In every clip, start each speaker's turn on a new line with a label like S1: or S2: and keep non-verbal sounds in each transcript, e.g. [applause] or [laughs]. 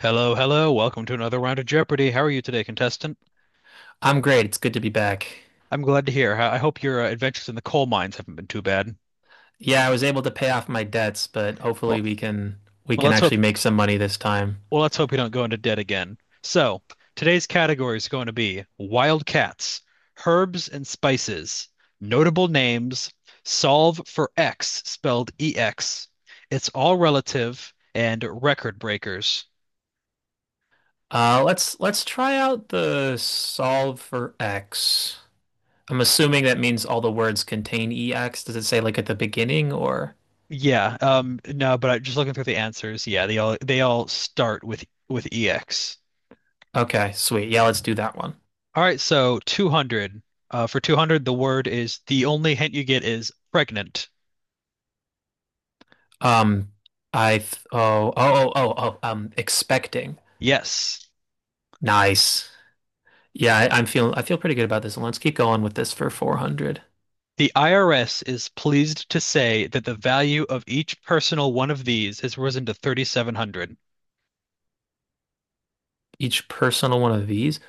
S1: Hello, hello. Welcome to another round of Jeopardy. How are you today, contestant?
S2: I'm great. It's good to be back.
S1: I'm glad to hear. I hope your adventures in the coal mines haven't been too bad.
S2: Yeah, I was able to pay off my debts, but hopefully
S1: Well,
S2: we can we
S1: well,
S2: can
S1: let's hope.
S2: actually make some money this time.
S1: Well, let's hope you don't go into debt again. So, today's category is going to be wild cats, herbs and spices, notable names, solve for X spelled EX. It's all relative and record breakers.
S2: Let's try out the solve for x. I'm assuming that means all the words contain ex. Does it say like at the beginning or?
S1: Yeah, no, but I, just looking through the answers, yeah, they all start with EX.
S2: Okay, sweet. Yeah, let's do that one.
S1: All right, so 200. For 200, the word is the only hint you get is pregnant.
S2: Um, I th Oh, oh, oh, oh, oh. Expecting.
S1: Yes.
S2: Nice. Yeah, I feel pretty good about this one. Let's keep going with this for 400.
S1: The IRS is pleased to say that the value of each personal one of these has risen to 3,700.
S2: Each personal one of these.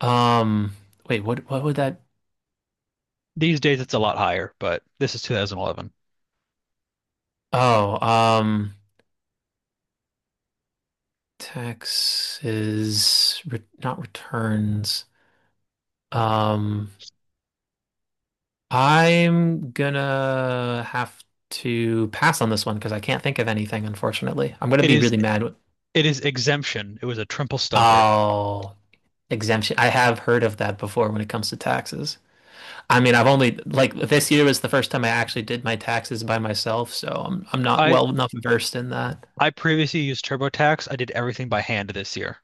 S2: Um, Wait, what would that?
S1: These days it's a lot higher, but this is 2011.
S2: Oh, taxes, re not returns. Um, I'm gonna have to pass on this one because I can't think of anything, unfortunately. I'm gonna
S1: It
S2: be
S1: is
S2: really mad with,
S1: it is exemption. It was a triple stumper.
S2: oh, exemption. I have heard of that before when it comes to taxes. I mean, I've only like this year was the first time I actually did my taxes by myself, so I'm not
S1: I
S2: well enough versed in that.
S1: I previously used TurboTax. I did everything by hand this year.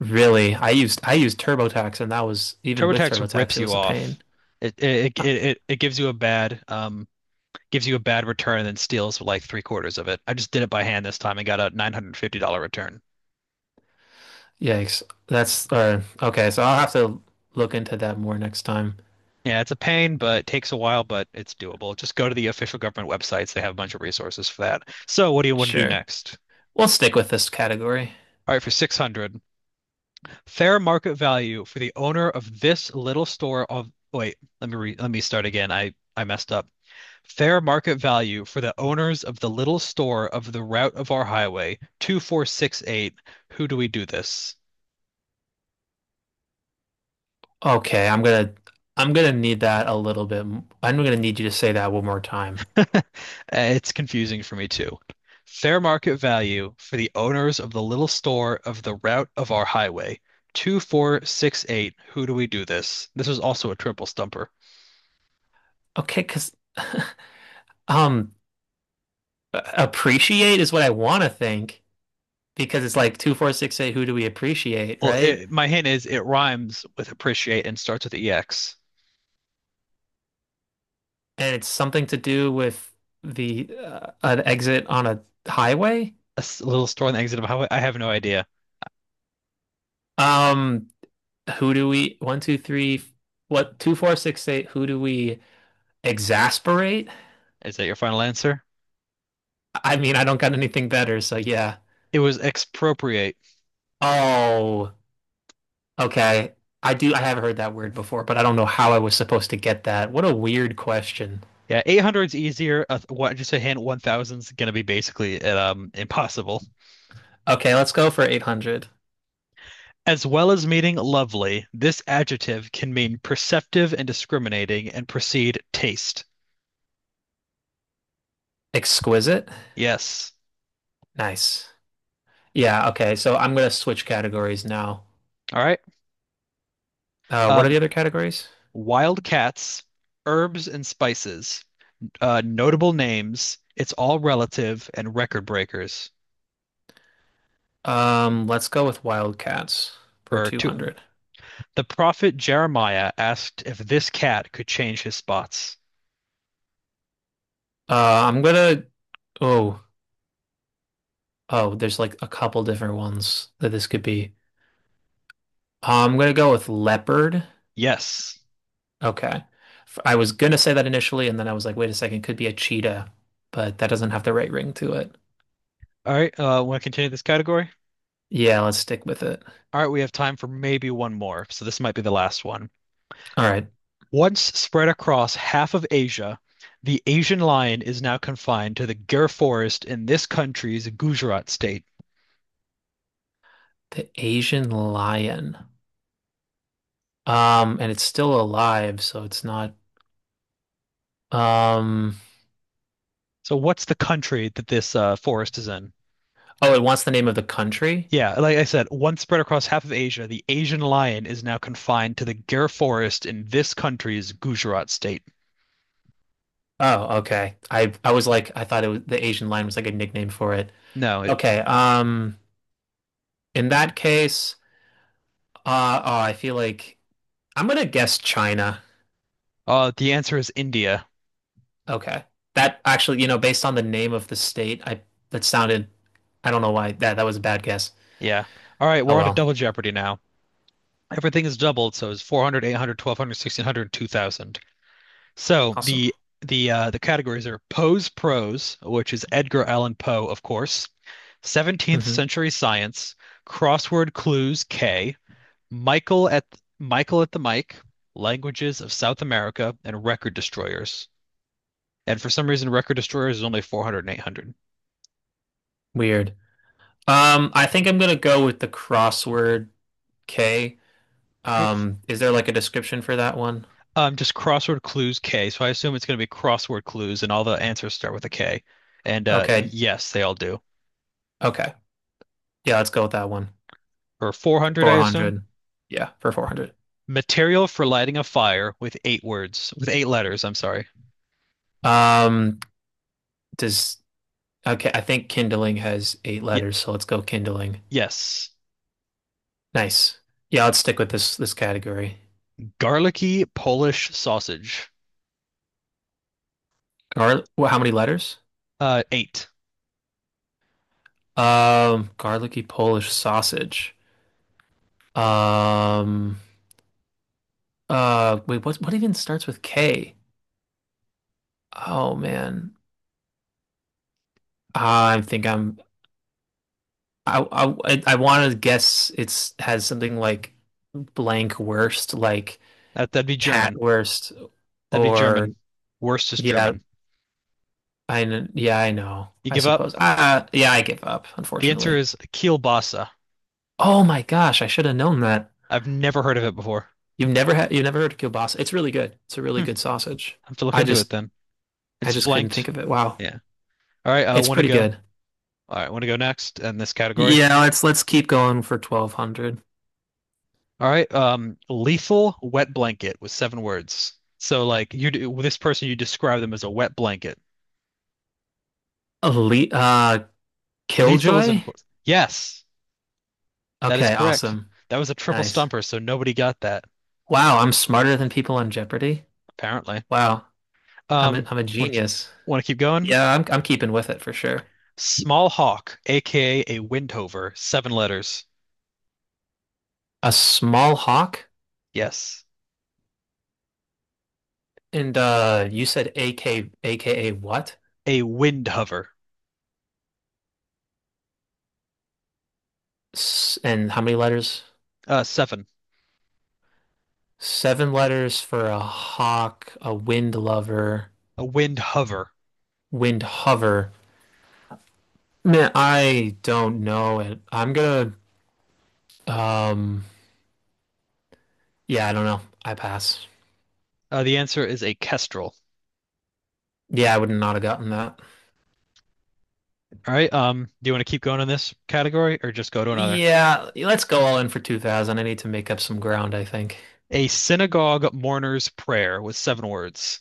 S2: Really, I used TurboTax, and that was even with
S1: TurboTax
S2: TurboTax,
S1: rips
S2: it
S1: you
S2: was a
S1: off.
S2: pain.
S1: It it it
S2: Uh,
S1: it, it gives you a bad gives you a bad return and then steals like three-quarters of it. I just did it by hand this time and got a $950 return.
S2: Yikes! That's okay. So I'll have to look into that more next time.
S1: Yeah, it's a pain, but it takes a while, but it's doable. Just go to the official government websites. They have a bunch of resources for that. So, what do you want to do
S2: Sure,
S1: next?
S2: we'll stick with this category.
S1: All right, for 600, fair market value for the owner of this little store of wait, let me re, let me start again. I messed up. Fair market value for the owners of the little store of the route of our highway, 2468. Who do we do this?
S2: Okay, I'm gonna need that a little bit. I'm gonna need you to say that one more time.
S1: [laughs] It's confusing for me too. Fair market value for the owners of the little store of the route of our highway. 2468. Who do we do this? This was also a triple stumper.
S2: Okay, because [sighs] um, appreciate is what I want to think because it's like two, four, six, eight. Who do we appreciate,
S1: Well,
S2: right?
S1: my hint is it rhymes with appreciate and starts with EX.
S2: And it's something to do with the an exit on a highway.
S1: A little store on the exit of a highway. I have no idea.
S2: Um, who do we one, two, three, what two, four, six, eight, who do we exasperate?
S1: Is that your final answer?
S2: I mean, I don't got anything better, so yeah.
S1: It was expropriate.
S2: Oh, okay. I have heard that word before, but I don't know how I was supposed to get that. What a weird question.
S1: Yeah, 800's easier. Just a hint, 1,000's gonna be basically impossible.
S2: Okay, let's go for 800.
S1: As well as meaning lovely, this adjective can mean perceptive and discriminating and precede taste.
S2: Exquisite.
S1: Yes.
S2: Nice. Yeah, okay. So I'm gonna switch categories now.
S1: All right.
S2: What are the
S1: Um,
S2: other categories?
S1: Wild cats, herbs and spices, notable names. It's all relative and record breakers.
S2: Let's go with wildcats for
S1: For two,
S2: 200.
S1: the prophet Jeremiah asked if this cat could change his spots.
S2: Uh, I'm gonna oh, oh, there's like a couple different ones that this could be. I'm gonna go with leopard.
S1: Yes.
S2: Okay. I was gonna say that initially, and then I was like, wait a second, could be a cheetah, but that doesn't have the right ring to it.
S1: All right. Want to continue this category?
S2: Yeah, let's stick with it.
S1: All right. We have time for maybe one more, so this might be the last one.
S2: All right.
S1: Once spread across half of Asia, the Asian lion is now confined to the Gir forest in this country's Gujarat state.
S2: The Asian lion. And it's still alive, so it's not um
S1: So, what's the country that this forest is in?
S2: oh, it wants the name of the country?
S1: Yeah, like I said, once spread across half of Asia, the Asian lion is now confined to the Gir forest in this country's Gujarat state.
S2: Oh, okay. I was like I thought it was the Asian lion was like a nickname for it.
S1: No, it,
S2: Okay, in that case, oh, I feel like I'm gonna guess China.
S1: the answer is India.
S2: Okay. That actually, based on the name of the state, I that sounded. I don't know why that was a bad guess.
S1: Yeah. All right,
S2: Oh
S1: we're on to
S2: well.
S1: double jeopardy now. Everything is doubled, so it's 400, 800, 1,200, 1,600, 2,000. So
S2: Awesome.
S1: the the uh, the categories are Poe's prose, which is Edgar Allan Poe, of course, 17th
S2: Hmm.
S1: century science, crossword clues K, Michael at Michael at the mic, languages of South America, and record destroyers. And for some reason, record destroyers is only four hundred and eight hundred.
S2: Weird. I think I'm gonna go with the crossword K.
S1: All right.
S2: Is there like a description for that one?
S1: Just crossword clues K. So I assume it's going to be crossword clues, and all the answers start with a K. And
S2: Okay.
S1: yes, they all do.
S2: Okay. Yeah, let's go with that one.
S1: Or 400, I assume.
S2: 400. Yeah, for 400.
S1: Material for lighting a fire with eight letters, I'm sorry.
S2: Um, does Okay, I think kindling has eight
S1: Y
S2: letters, so let's go kindling.
S1: Yes.
S2: Nice. Yeah, let's stick with this category.
S1: Garlicky Polish sausage.
S2: Gar Well, how many letters?
S1: Eight.
S2: Garlicky Polish sausage. Um, Wait, what even starts with K? Oh man, I think I'm I I want to guess it's has something like blank worst, like
S1: That that'd be
S2: cat
S1: German.
S2: worst,
S1: That'd be
S2: or
S1: German. Worst is
S2: yeah,
S1: German.
S2: yeah I know.
S1: You
S2: I
S1: give up?
S2: suppose. Yeah, I give up,
S1: The answer
S2: unfortunately.
S1: is kielbasa.
S2: Oh my gosh, I should have known that.
S1: I've never heard of it before.
S2: You've never heard of kielbasa. It's really good. It's a really
S1: Hmm.
S2: good sausage.
S1: I have to look
S2: I
S1: into it
S2: just
S1: then.
S2: I
S1: It's
S2: just couldn't think
S1: blanked.
S2: of it. Wow.
S1: Yeah. All right, I
S2: It's
S1: want to
S2: pretty
S1: go.
S2: good.
S1: All right, want to go next in this category.
S2: Yeah, let's keep going for 1200.
S1: All right, lethal wet blanket with seven words. So like you, this person, you describe them as a wet blanket.
S2: Elite
S1: Lethal is in
S2: Killjoy?
S1: quotes. Yes, that is
S2: Okay,
S1: correct.
S2: awesome.
S1: That was a triple
S2: Nice.
S1: stumper, so nobody got that,
S2: Wow, I'm smarter than people on Jeopardy.
S1: apparently.
S2: Wow.
S1: Um,
S2: I'm a
S1: want to
S2: genius.
S1: want to keep going?
S2: Yeah, I'm keeping with it for sure.
S1: Small hawk, aka a windhover, seven letters.
S2: A small hawk,
S1: Yes,
S2: and you said A K A K A what?
S1: a windhover.
S2: S And how many letters?
S1: Seven.
S2: 7 letters for a hawk, a wind lover,
S1: A windhover.
S2: wind hover. Man, I don't know it. Um, yeah, I don't know. I pass.
S1: The answer is a kestrel.
S2: Yeah, I would not have gotten that.
S1: All right. Do you want to keep going in this category or just go to another?
S2: Yeah, let's go all in for 2000. I need to make up some ground, I think.
S1: A synagogue mourner's prayer with seven words.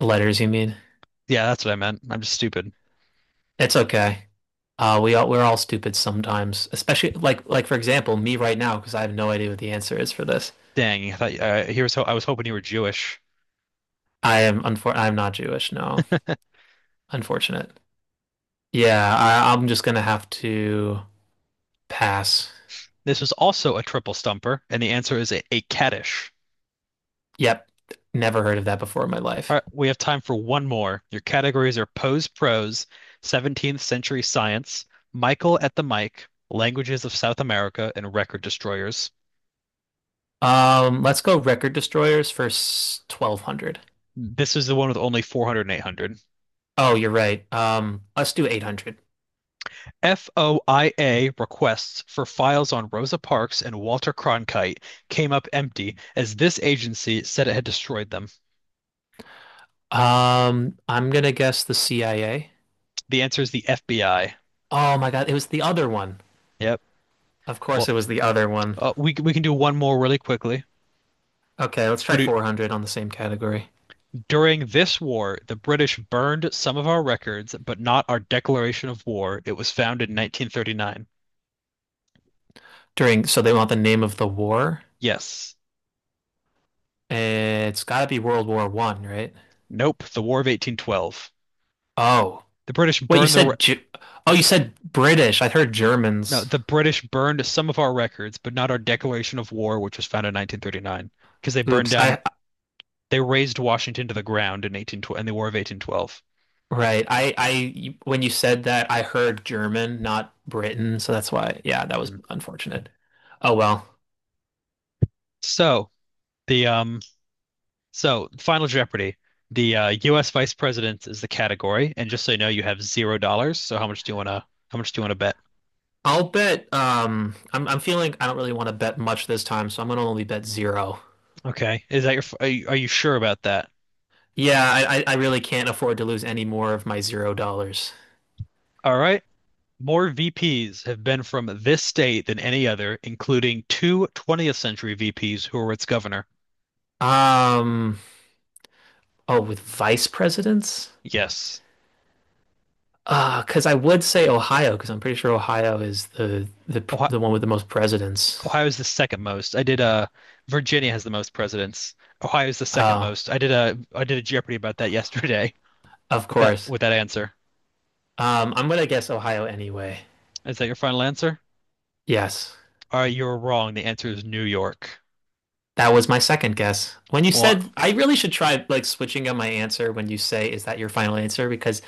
S2: Letters, you mean?
S1: Yeah, that's what I meant. I'm just stupid.
S2: It's okay. We're all stupid sometimes, especially like for example, me right now because I have no idea what the answer is for this.
S1: Dang, I thought, here's how I was hoping you were Jewish.
S2: I'm not Jewish, no. Unfortunate. Yeah, I'm just gonna have to pass.
S1: This is also a triple stumper, and the answer is a caddish.
S2: Yep, never heard of that before in my
S1: All
S2: life.
S1: right, we have time for one more. Your categories are Poe's Prose, 17th Century Science, Michael at the Mic, Languages of South America, and Record Destroyers.
S2: Let's go record destroyers for 1200.
S1: This is the one with only 400 and 800.
S2: Oh, you're right. Let's do 800.
S1: FOIA requests for files on Rosa Parks and Walter Cronkite came up empty as this agency said it had destroyed them.
S2: I'm gonna guess the CIA.
S1: The answer is the FBI.
S2: Oh my God, it was the other one.
S1: Yep.
S2: Of course,
S1: Well,
S2: it was the other one.
S1: we can do one more really quickly.
S2: Okay, let's try
S1: Want do
S2: 400 on the same category.
S1: During this war, the British burned some of our records, but not our declaration of war. It was found in 1939.
S2: During, so they want the name of the war.
S1: Yes.
S2: It's gotta be World War I, right?
S1: Nope. The War of 1812.
S2: Oh,
S1: The British
S2: wait, you
S1: burned the re-
S2: said oh, you said British. I heard
S1: No,
S2: Germans.
S1: the British burned some of our records, but not our declaration of war, which was found in 1939, because they burned
S2: Oops,
S1: down
S2: I
S1: they razed Washington to the ground in 18 12 in the War of 1812.
S2: Right. When you said that, I heard German, not Britain, so that's why. Yeah, that was unfortunate. Oh well.
S1: So, the um So, Final Jeopardy. The U.S. Vice President is the category, and just so you know, you have $0. So, how much do you wanna bet?
S2: I'll bet. I don't really want to bet much this time, so I'm gonna only bet zero.
S1: Okay, is that your? F- are you, are you sure about that?
S2: Yeah, I really can't afford to lose any more of my $0.
S1: All right. More VPs have been from this state than any other, including two 20th century VPs who were its governor.
S2: Um, oh, with vice presidents?
S1: Yes.
S2: Because I would say Ohio, because I'm pretty sure Ohio is
S1: Ohio,
S2: the one with the most presidents.
S1: Ohio is the second most. I did Virginia has the most presidents. Ohio is the second
S2: Oh,
S1: most. I did a Jeopardy about that yesterday
S2: of
S1: [laughs]
S2: course.
S1: with that answer.
S2: I'm gonna guess Ohio anyway.
S1: Is that your final answer?
S2: Yes.
S1: All right, you're wrong. The answer is New York.
S2: That was my second guess. When you
S1: Well,
S2: said, I really should try like switching up my answer when you say, is that your final answer? Because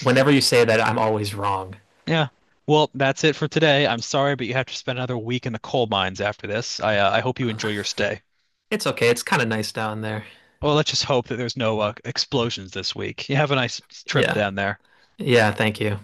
S2: whenever you say that, I'm always wrong.
S1: yeah. Well, that's it for today. I'm sorry, but you have to spend another week in the coal mines after this. I hope you enjoy
S2: Uh,
S1: your stay.
S2: It's okay. It's kind of nice down there.
S1: Well, let's just hope that there's no explosions this week. You have a nice trip
S2: Yeah.
S1: down there.
S2: Yeah. Thank you.